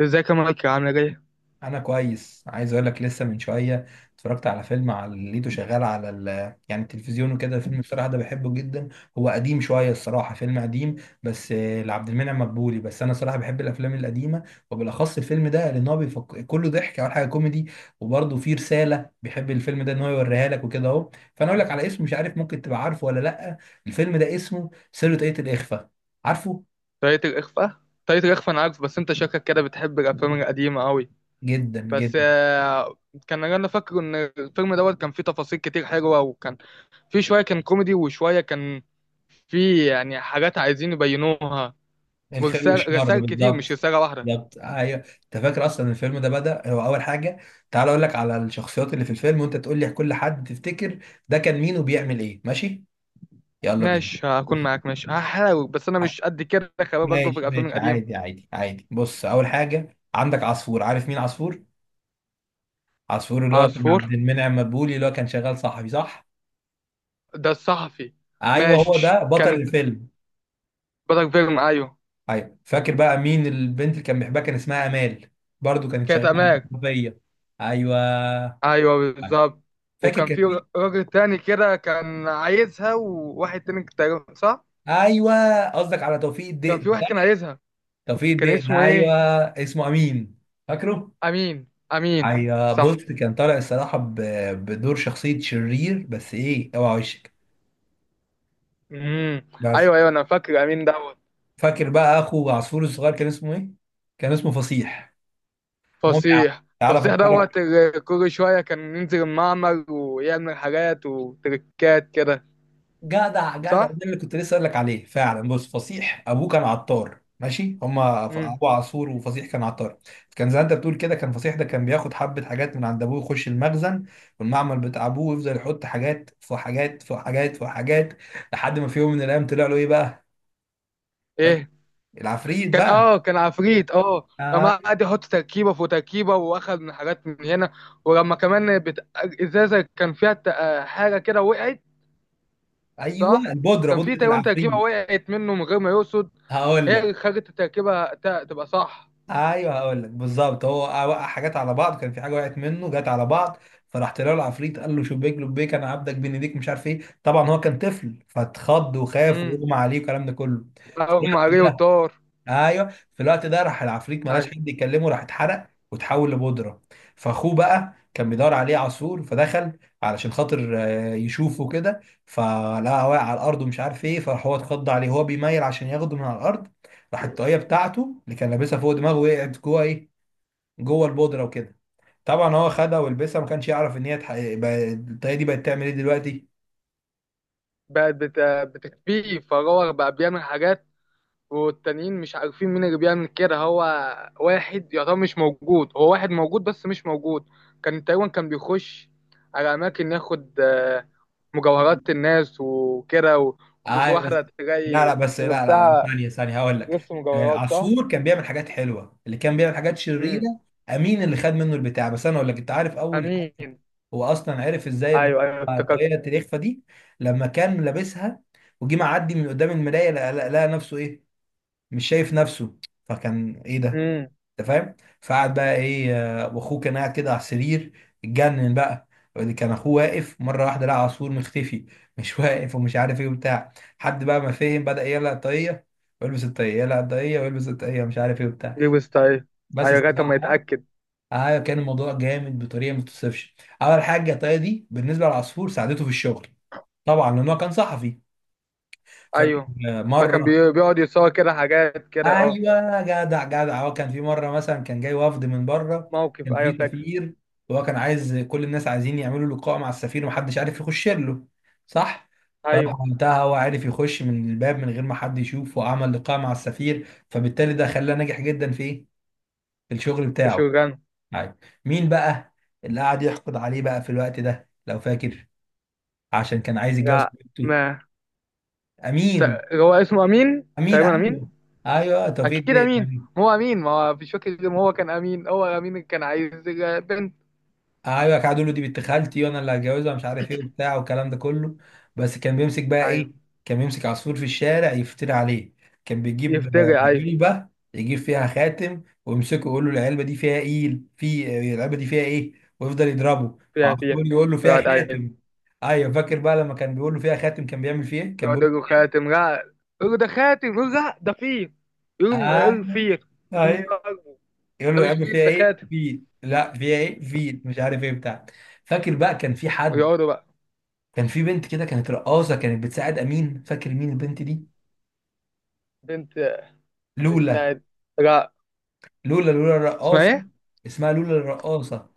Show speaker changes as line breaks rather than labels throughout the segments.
ازيك يا مايكل؟ عامله ايه؟
انا كويس. عايز اقول لك لسه من شويه اتفرجت على فيلم، على لقيته شغال على يعني التلفزيون وكده. الفيلم بصراحه ده بحبه جدا، هو قديم شويه الصراحه، فيلم قديم بس لعبد المنعم مدبولي. بس انا صراحه بحب الافلام القديمه، وبالاخص الفيلم ده لان هو كله ضحك. اول حاجه كوميدي، وبرضه فيه رساله بيحب الفيلم ده ان هو يوريها لك وكده اهو. فانا اقول لك على اسم، مش عارف ممكن تبقى عارفه ولا لا. الفيلم ده اسمه سر طاقية الاخفاء. عارفه؟
طريقه الاخفاء. طريقه الاخفاء انا عارف، بس انت شكلك كده بتحب الافلام القديمه قوي.
جدا
بس
جدا.
آه، كان انا فاكر ان الفيلم دوت كان فيه تفاصيل كتير حلوه، وكان فيه شويه كان كوميدي، وشويه كان فيه يعني حاجات عايزين يبينوها.
الخير
ورسائل،
والشر
كتير، مش
بالظبط.
رساله واحده.
بالظبط، ايوه. انت فاكر اصلا الفيلم ده بدأ هو اول حاجه؟ تعال اقول لك على الشخصيات اللي في الفيلم وانت تقول لي كل حد تفتكر ده كان مين وبيعمل ايه، ماشي؟ يلا بينا.
ماشي، هكون
بص،
معاك. ماشي، هحاول، بس انا مش قد كده خبير برضه في
ماشي
الافلام
ماشي،
القديمه.
عادي عادي عادي. بص، اول حاجه عندك عصفور. عارف مين عصفور؟ عصفور اللي هو كان عبد
عصفور.
المنعم مدبولي، اللي هو كان شغال صحفي، صح؟
ده الصحفي.
ايوه، هو
ماشي.
ده بطل
كانت،
الفيلم.
بدك فيلم، ايوه.
ايوه، فاكر بقى مين البنت اللي كان بيحبها؟ كان اسمها امال، برضو كانت
كانت
شغاله مع
امال.
الصحفيه. ايوه،
ايوه، بالظبط.
فاكر
وكان
كان
في
في.
راجل تاني كده كان عايزها، وواحد تاني تقريبا، صح.
ايوه، قصدك على توفيق
كان
الدقن،
في واحد كان
صح؟
عايزها.
توفيق
كان
الدقن،
اسمه
ايوه.
ايه؟
اسمه امين، فاكره؟
امين. امين،
ايوه، بص،
صح.
كان طالع الصراحه بدور شخصيه شرير، بس ايه، اوعى وشك.
امم
بس.
ايوه ايوه، انا فاكر امين دوت.
فاكر بقى اخو عصفور الصغير كان اسمه ايه؟ كان اسمه فصيح. المهم يا عم،
فصيح.
تعالى
فصيح دوت
افكرك.
اللي كل شويه كان ينزل المعمل ويعمل حاجات وتركات كده.
جدع جدع،
صح.
ده اللي كنت لسه اقول لك عليه فعلا. بص، فصيح ابوه كان عطار، ماشي. هما ابو
امم
عاشور وفصيح كان عطار. كان زي ما انت بتقول كده، كان فصيح ده كان بياخد حبه حاجات من عند ابوه، يخش المخزن والمعمل بتاع ابوه، ويفضل يحط حاجات في حاجات في حاجات في حاجات لحد ما في يوم من الايام طلع له ايه بقى؟ فاكر؟
ايه؟
العفريت
كان
بقى.
اه كان عفريت اه.
آه،
لما قعد يحط تركيبه فوق تركيبه، واخد من حاجات من هنا ولما كمان ازازه كان فيها حاجه كده وقعت.
ايوه
صح.
البودره،
كان في
بودره
تقريبا تركيبه
العفريت.
وقعت منه من غير ما يقصد.
هقول
هي
لك.
اللي خلت التركيبه تبقى صح.
ايوه، هقول لك بالظبط. هو وقع حاجات على بعض، كان في حاجه وقعت منه جت على بعض، فراح طلع له العفريت، قال له شبيك لبيك انا عبدك بين ايديك، مش عارف ايه. طبعا هو كان طفل، فاتخض وخاف
امم
واغمى عليه والكلام ده كله. في
اغمى
الوقت
عليه
ده.
وطار.
ايوه، في الوقت ده راح العفريت ملاش
ايوه.
حد يكلمه، راح اتحرق وتحول لبودره. فاخوه بقى كان بيدور عليه عصفور، فدخل علشان خاطر يشوفه كده، فلقى واقع على الارض ومش عارف ايه. فراح هو اتخض عليه، هو بيميل عشان ياخده من على الارض، راح الطاقيه بتاعته اللي كان لابسها فوق دماغه وقعت جوه ايه؟ جوه البودره وكده. طبعا هو خدها ولبسها، ما كانش يعرف ان هي الطاقيه دي بقت تعمل ايه دلوقتي.
بقت بتكفيه، فهو بقى بيعمل حاجات، والتانيين مش عارفين مين اللي بيعمل كده. هو واحد يعتبر مش موجود، هو واحد موجود بس مش موجود. كان تقريبا كان بيخش على اماكن ياخد مجوهرات الناس وكده و- وش
آه بس،
واحدة
لا لا
تلاقي
بس، لا لا لا،
لبسها
ثانية ثانية هقول لك.
لبس مجوهرات، صح؟
عصفور كان بيعمل حاجات حلوة، اللي كان بيعمل حاجات
امم
شريرة أمين، اللي خد منه البتاع. بس أنا أقول لك، أنت عارف أول حاجة
امين.
هو أصلا عرف إزاي إن
ايوه ايوه،
هو
افتكرت.
طاقية الإخفاء دي؟ لما كان لابسها وجي معدي من قدام المراية، لقى نفسه إيه؟ مش شايف نفسه. فكان إيه ده؟
امم
انت فاهم. فقعد بقى ايه، واخوه كان قاعد كده على السرير، اتجنن بقى اللي كان اخوه. واقف مره واحده، لقى عصفور مختفي مش واقف ومش عارف ايه وبتاع. حد بقى ما فهم، بدأ يقلق الطاقيه ويلبس الطاقيه، يقلق الطاقيه ويلبس الطاقيه، مش عارف ايه وبتاع.
جيب ستايل.
بس
ايوه، لغاية ما
الصراحه
يتأكد.
كان الموضوع جامد بطريقه ما تتوصفش. اول حاجه الطاقيه دي بالنسبه للعصفور ساعدته في الشغل، طبعا لان هو كان صحفي. فاكر؟
ايوه، فكان
مره.
بيقعد يتصور كده حاجات كده اه.
ايوه، جدع جدع. هو كان في مره مثلا كان جاي وفد من بره،
موقف،
كان
ايوه
في
فاكر.
سفير، وهو كان عايز كل الناس عايزين يعملوا لقاء مع السفير ومحدش عارف يخش له، صح؟ فراح
ايوه،
وقتها هو عارف يخش من الباب من غير ما حد يشوفه وعمل لقاء مع السفير، فبالتالي ده خلاه ناجح جدا في ايه؟ في الشغل
في
بتاعه.
شوغان.
عادي. مين بقى اللي قعد يحقد عليه بقى في الوقت ده لو فاكر؟ عشان كان عايز يتجوز
لا،
حبيبته.
ما
امين.
هو اسمه امين
امين،
تقريبا، امين.
ايوه. ايوه توفيق
اكيد
ده،
امين، هو امين، ما هو مش فاكر اسمه، هو كان امين، هو امين اللي كان عايز بنت.
ايوه. قعدوا يقولوا دي بنت خالتي وانا اللي هتجوزها، مش عارف ايه وبتاع والكلام ده كله. بس كان بيمسك بقى
ايوه.
ايه؟ كان بيمسك عصفور في الشارع يفتري عليه، كان بيجيب
يفتري، ايوه.
علبه، يجيب فيها خاتم ويمسكه يقول له العلبه دي فيها ايه؟ في العلبه دي فيها ايه؟ ويفضل يضربه،
فيها،
فعصفور يقول له فيها
يقعد، ايوه.
خاتم. ايوه. فاكر بقى لما كان بيقول له فيها خاتم كان بيعمل فيه ايه؟ كان
يقعد
بيقول
يقول له خاتم، لا، يقول له ده خاتم، يقول له لا ده فيل. يقوم يقول
ايوه
فيل. يقوم
ايوه.
ضربه.
يقول له
ده مش
العلبه
فيل،
فيها
ده
ايه؟
خاتم.
فيل. لا، فيها ايه؟ فيل. مش عارف ايه بتاع. فاكر بقى كان في حد،
ويقعدوا بقى.
كان في بنت كده كانت رقاصة، كانت بتساعد أمين. فاكر مين البنت دي؟
بنت
لولا
بتساعد. لا.
لولا لولا
اسمها
الرقاصة.
ايه؟
اسمها لولا الرقاصة،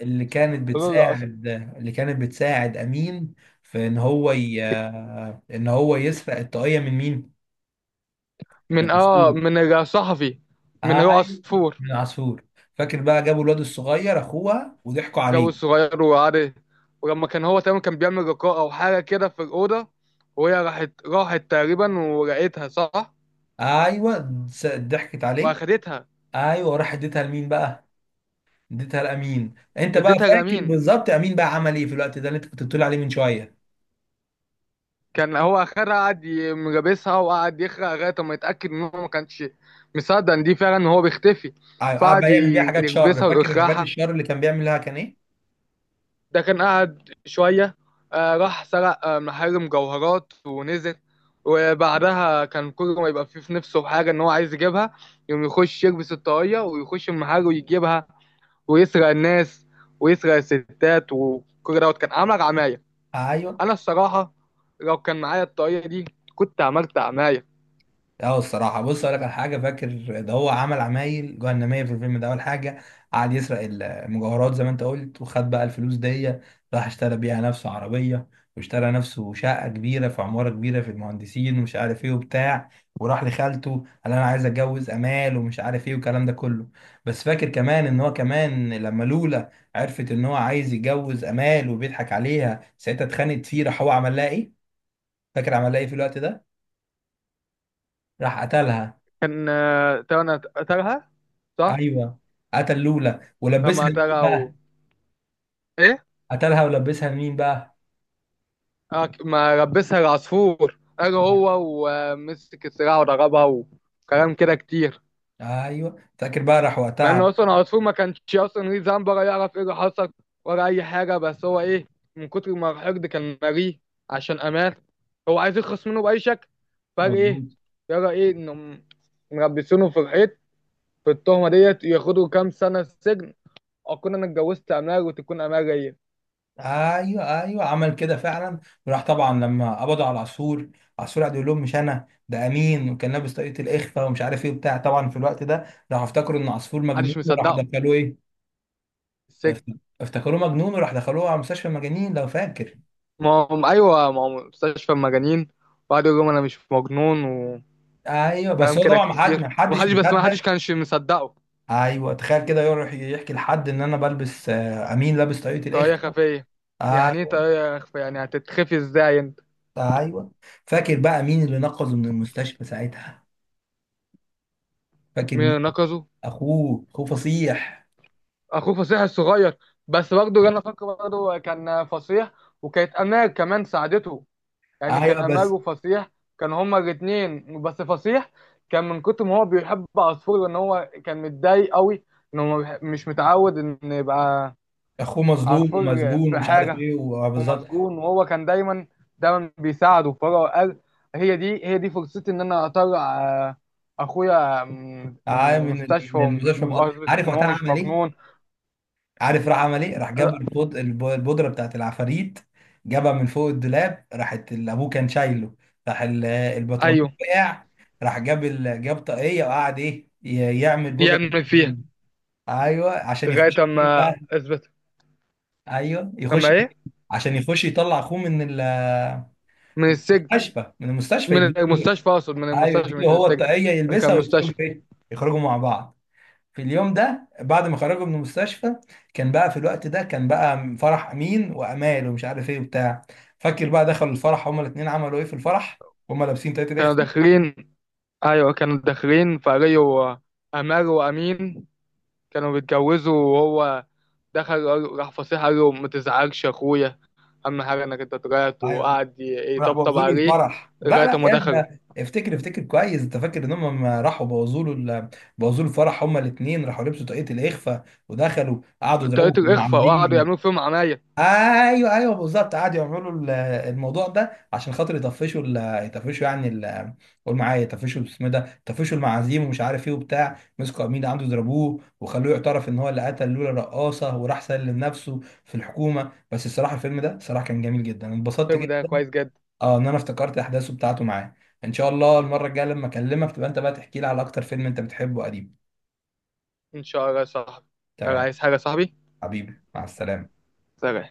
اللي كانت
جورج أس-.
بتساعد اللي كانت بتساعد أمين في إن هو إن هو يسرق الطاقية من مين؟ من
من اه
عصفور.
من الصحفي. من رؤى
أيوة،
عصفور.
من عصفور. فاكر بقى جابوا الواد الصغير أخوها وضحكوا
جو
عليه.
صغير وقعد. ولما كان هو تقريبا كان بيعمل لقاء او حاجه كده في الاوضه، وهي راحت تقريبا ولقيتها، صح.
أيوة، ضحكت عليه.
واخدتها.
أيوة. وراح اديتها لمين بقى؟ اديتها لأمين. أنت بقى
واديتها
فاكر
لامين.
بالظبط أمين بقى عمل إيه في الوقت ده اللي أنت كنت بتقول عليه من شوية؟
كان هو اخدها، قعد ملابسها، وقعد يخرق لغايه ما يتاكد ان هو ما كانش مصدق ان دي فعلا هو بيختفي.
قعد
فقعد
بقى يعمل بيها حاجات شر.
يلبسها
فاكر الحاجات
ويخرعها.
الشر اللي كان بيعمل لها كان ايه؟
ده كان قعد شوية، راح سرق محارم جوهرات ونزل. وبعدها كان كل ما يبقى فيه في نفسه حاجة إن هو عايز يجيبها، يقوم يخش يلبس الطاقية ويخش المحل ويجيبها، ويسرق الناس، ويسرق الستات، وكل دوت كان عامل عماية.
آه، ايوه.
أنا الصراحة لو كان معايا الطاقية دي كنت عملت عماية.
اه الصراحة، بص اقول لك على حاجة. فاكر؟ ده هو عمل عمايل جهنمية في الفيلم ده. أول حاجة قعد يسرق المجوهرات زي ما أنت قلت، وخد بقى الفلوس دي، راح اشترى بيها نفسه عربية، واشترى نفسه شقة كبيرة في عمارة كبيرة في المهندسين ومش عارف إيه وبتاع، وراح لخالته قال أنا عايز أتجوز أمال، ومش عارف إيه والكلام ده كله. بس فاكر كمان إن هو كمان لما لولا عرفت إن هو عايز يتجوز أمال وبيضحك عليها، ساعتها اتخانقت فيه. راح هو عمل لها إيه؟ فاكر عمل لها إيه في الوقت ده؟ راح قتلها.
كان ترى أنا ترها، صح؟
ايوه، قتل لولا. ولبسها
رمى
لمين
ترى و-.
بقى؟
إيه؟
قتلها ولبسها لمين بقى؟
ما لبسها العصفور قال هو، ومسك السلاح وضربها، وكلام كده كتير.
ايوه، فاكر بقى راح
مع ان
وقتها.
اصلا العصفور ما كانش اصلا ليه ذنب، ولا يعرف ايه اللي حصل، ولا اي حاجه. بس هو ايه، من كتر ما الحقد كان مريه عشان امان، هو عايز يخلص منه باي شكل. فقال ايه،
مظبوط.
يرى ايه انهم مربسينه في الحيط في التهمه ديت، ياخدوا كام سنه سجن، اكون انا اتجوزت امال وتكون امال ليا.
ايوه ايوه، عمل كده فعلا. وراح طبعا لما قبضوا على العصفور، العصفور قعد يقول لهم مش انا ده امين، وكان لابس طاقية الاخفاء ومش عارف ايه وبتاع. طبعا في الوقت ده راحوا افتكروا ان عصفور مجنون،
محدش
وراح
مصدقه.
دخلوه ايه؟
السجن.
افت- افتكروه مجنون وراح دخلوه على مستشفى المجانين، لو فاكر.
ما هم ايوه ما هم مستشفى المجانين، وقعد يقول لهم انا مش مجنون،
ايوه، بس
وكلام
هو
كده
طبعا ما حد
كتير،
ما حدش
ومحدش، ما حدش
مصدق.
كانش مصدقه.
ايوه، تخيل كده يروح يحكي لحد ان انا بلبس امين لابس طاقية
طريقه
الاخر.
خفيه. يعني ايه
ايوه
طريقه خفيه؟ يعني هتتخفي ازاي انت؟
ايوه. فاكر بقى مين اللي نقذه من المستشفى ساعتها؟ فاكر مين؟
مين نقصه؟
اخوه فصيح.
اخوه فصيح الصغير. بس برضه انا فاكر برضه كان فصيح وكانت امال كمان ساعدته، يعني كان
ايوه
امال
بس
وفصيح، كانوا هما الاتنين. بس فصيح كان من كتر ما هو بيحب عصفور، لان هو كان متضايق قوي ان هو مش متعود ان يبقى
اخوه مظلوم
عصفور
ومسجون
في
ومش عارف
حاجة
ايه، وبالظبط.
ومسجون، وهو كان دايما بيساعده، فهو قال: هي دي فرصتي إن أنا أطلع آه، أخويا من
ايوه، من ال-
مستشفى
من المستشفى بالظبط.
قصدي
عارف
إن
وقتها
هو مش
عمل ايه؟
مجنون.
عارف راح عمل ايه؟ راح جاب
لا.
البودره بتاعت العفاريت، جابها من فوق الدولاب راحت ابوه كان شايله، راح البطرمان
أيوه
وقع، راح جاب طاقيه، وقعد ايه يعمل بودره.
يعمل فيها.
ايوه، عشان
لغاية
يخش فين
أما
بقى؟
أثبت.
ايوه،
أما
يخش فين؟
إيه.
عشان يخش يطلع اخوه من ال-
من
من
السجن.
المستشفى من المستشفى
من
يديله.
المستشفى، أقصد من
ايوه،
المستشفى
يديله
مش من
هو
السجن.
الطاقيه
كان
يلبسها، ويخرجوا
مستشفى.
ايه؟ يخرجوا مع بعض. في اليوم ده بعد ما خرجوا من المستشفى كان بقى في الوقت ده كان بقى فرح امين وامال، ومش عارف ايه وبتاع. فاكر بقى دخلوا الفرح هما الاثنين، عملوا ايه في الفراح؟ هما لابسين تلاتة
كانوا
دخل.
داخلين. أيوه كانوا داخلين فقالوا أمال وأمين كانوا بيتجوزوا، وهو دخل قال- راح فصيح قال له ما تزعلش يا اخويا، اهم حاجه انك انت طلعت،
ايوه،
وقعد
راح
يطبطب
بوظوا له
عليه.
الفرح. لا
لغايه
لا
ما
يا
دخلوا.
ابني، افتكر افتكر كويس. انت فاكر ان هم لما راحوا بوظوا له ال- بوظوا له الفرح، هما الاثنين راحوا لبسوا طاقية الاخفاء ودخلوا قعدوا يضربوا
طريقه
في
الاخفاء، وقعدوا
المعازيم.
يعملوا فيهم عناية.
ايوه ايوه بالظبط. قعدوا يعملوا الموضوع ده عشان خاطر يطفشوا يطفشوا يعني قول معايا يطفشوا اسمه إيه ده، يطفشوا المعازيم ومش عارف ايه وبتاع. مسكوا امين عنده، ضربوه وخلوه يعترف ان هو اللي قتل لولا الرقاصه، وراح سلم نفسه في الحكومه. بس الصراحه الفيلم ده صراحه كان جميل جدا، انبسطت
الفيلم ده
جدا
كويس جدا.
اه ان انا افتكرت احداثه بتاعته معاه. ان شاء الله المره الجايه لما اكلمك تبقى انت بقى تحكي لي على اكتر فيلم انت بتحبه قديم.
ان شاء الله يا صاحبي. لو
تمام.
عايز حاجه يا صاحبي.
حبيبي، مع السلامه.
سلام.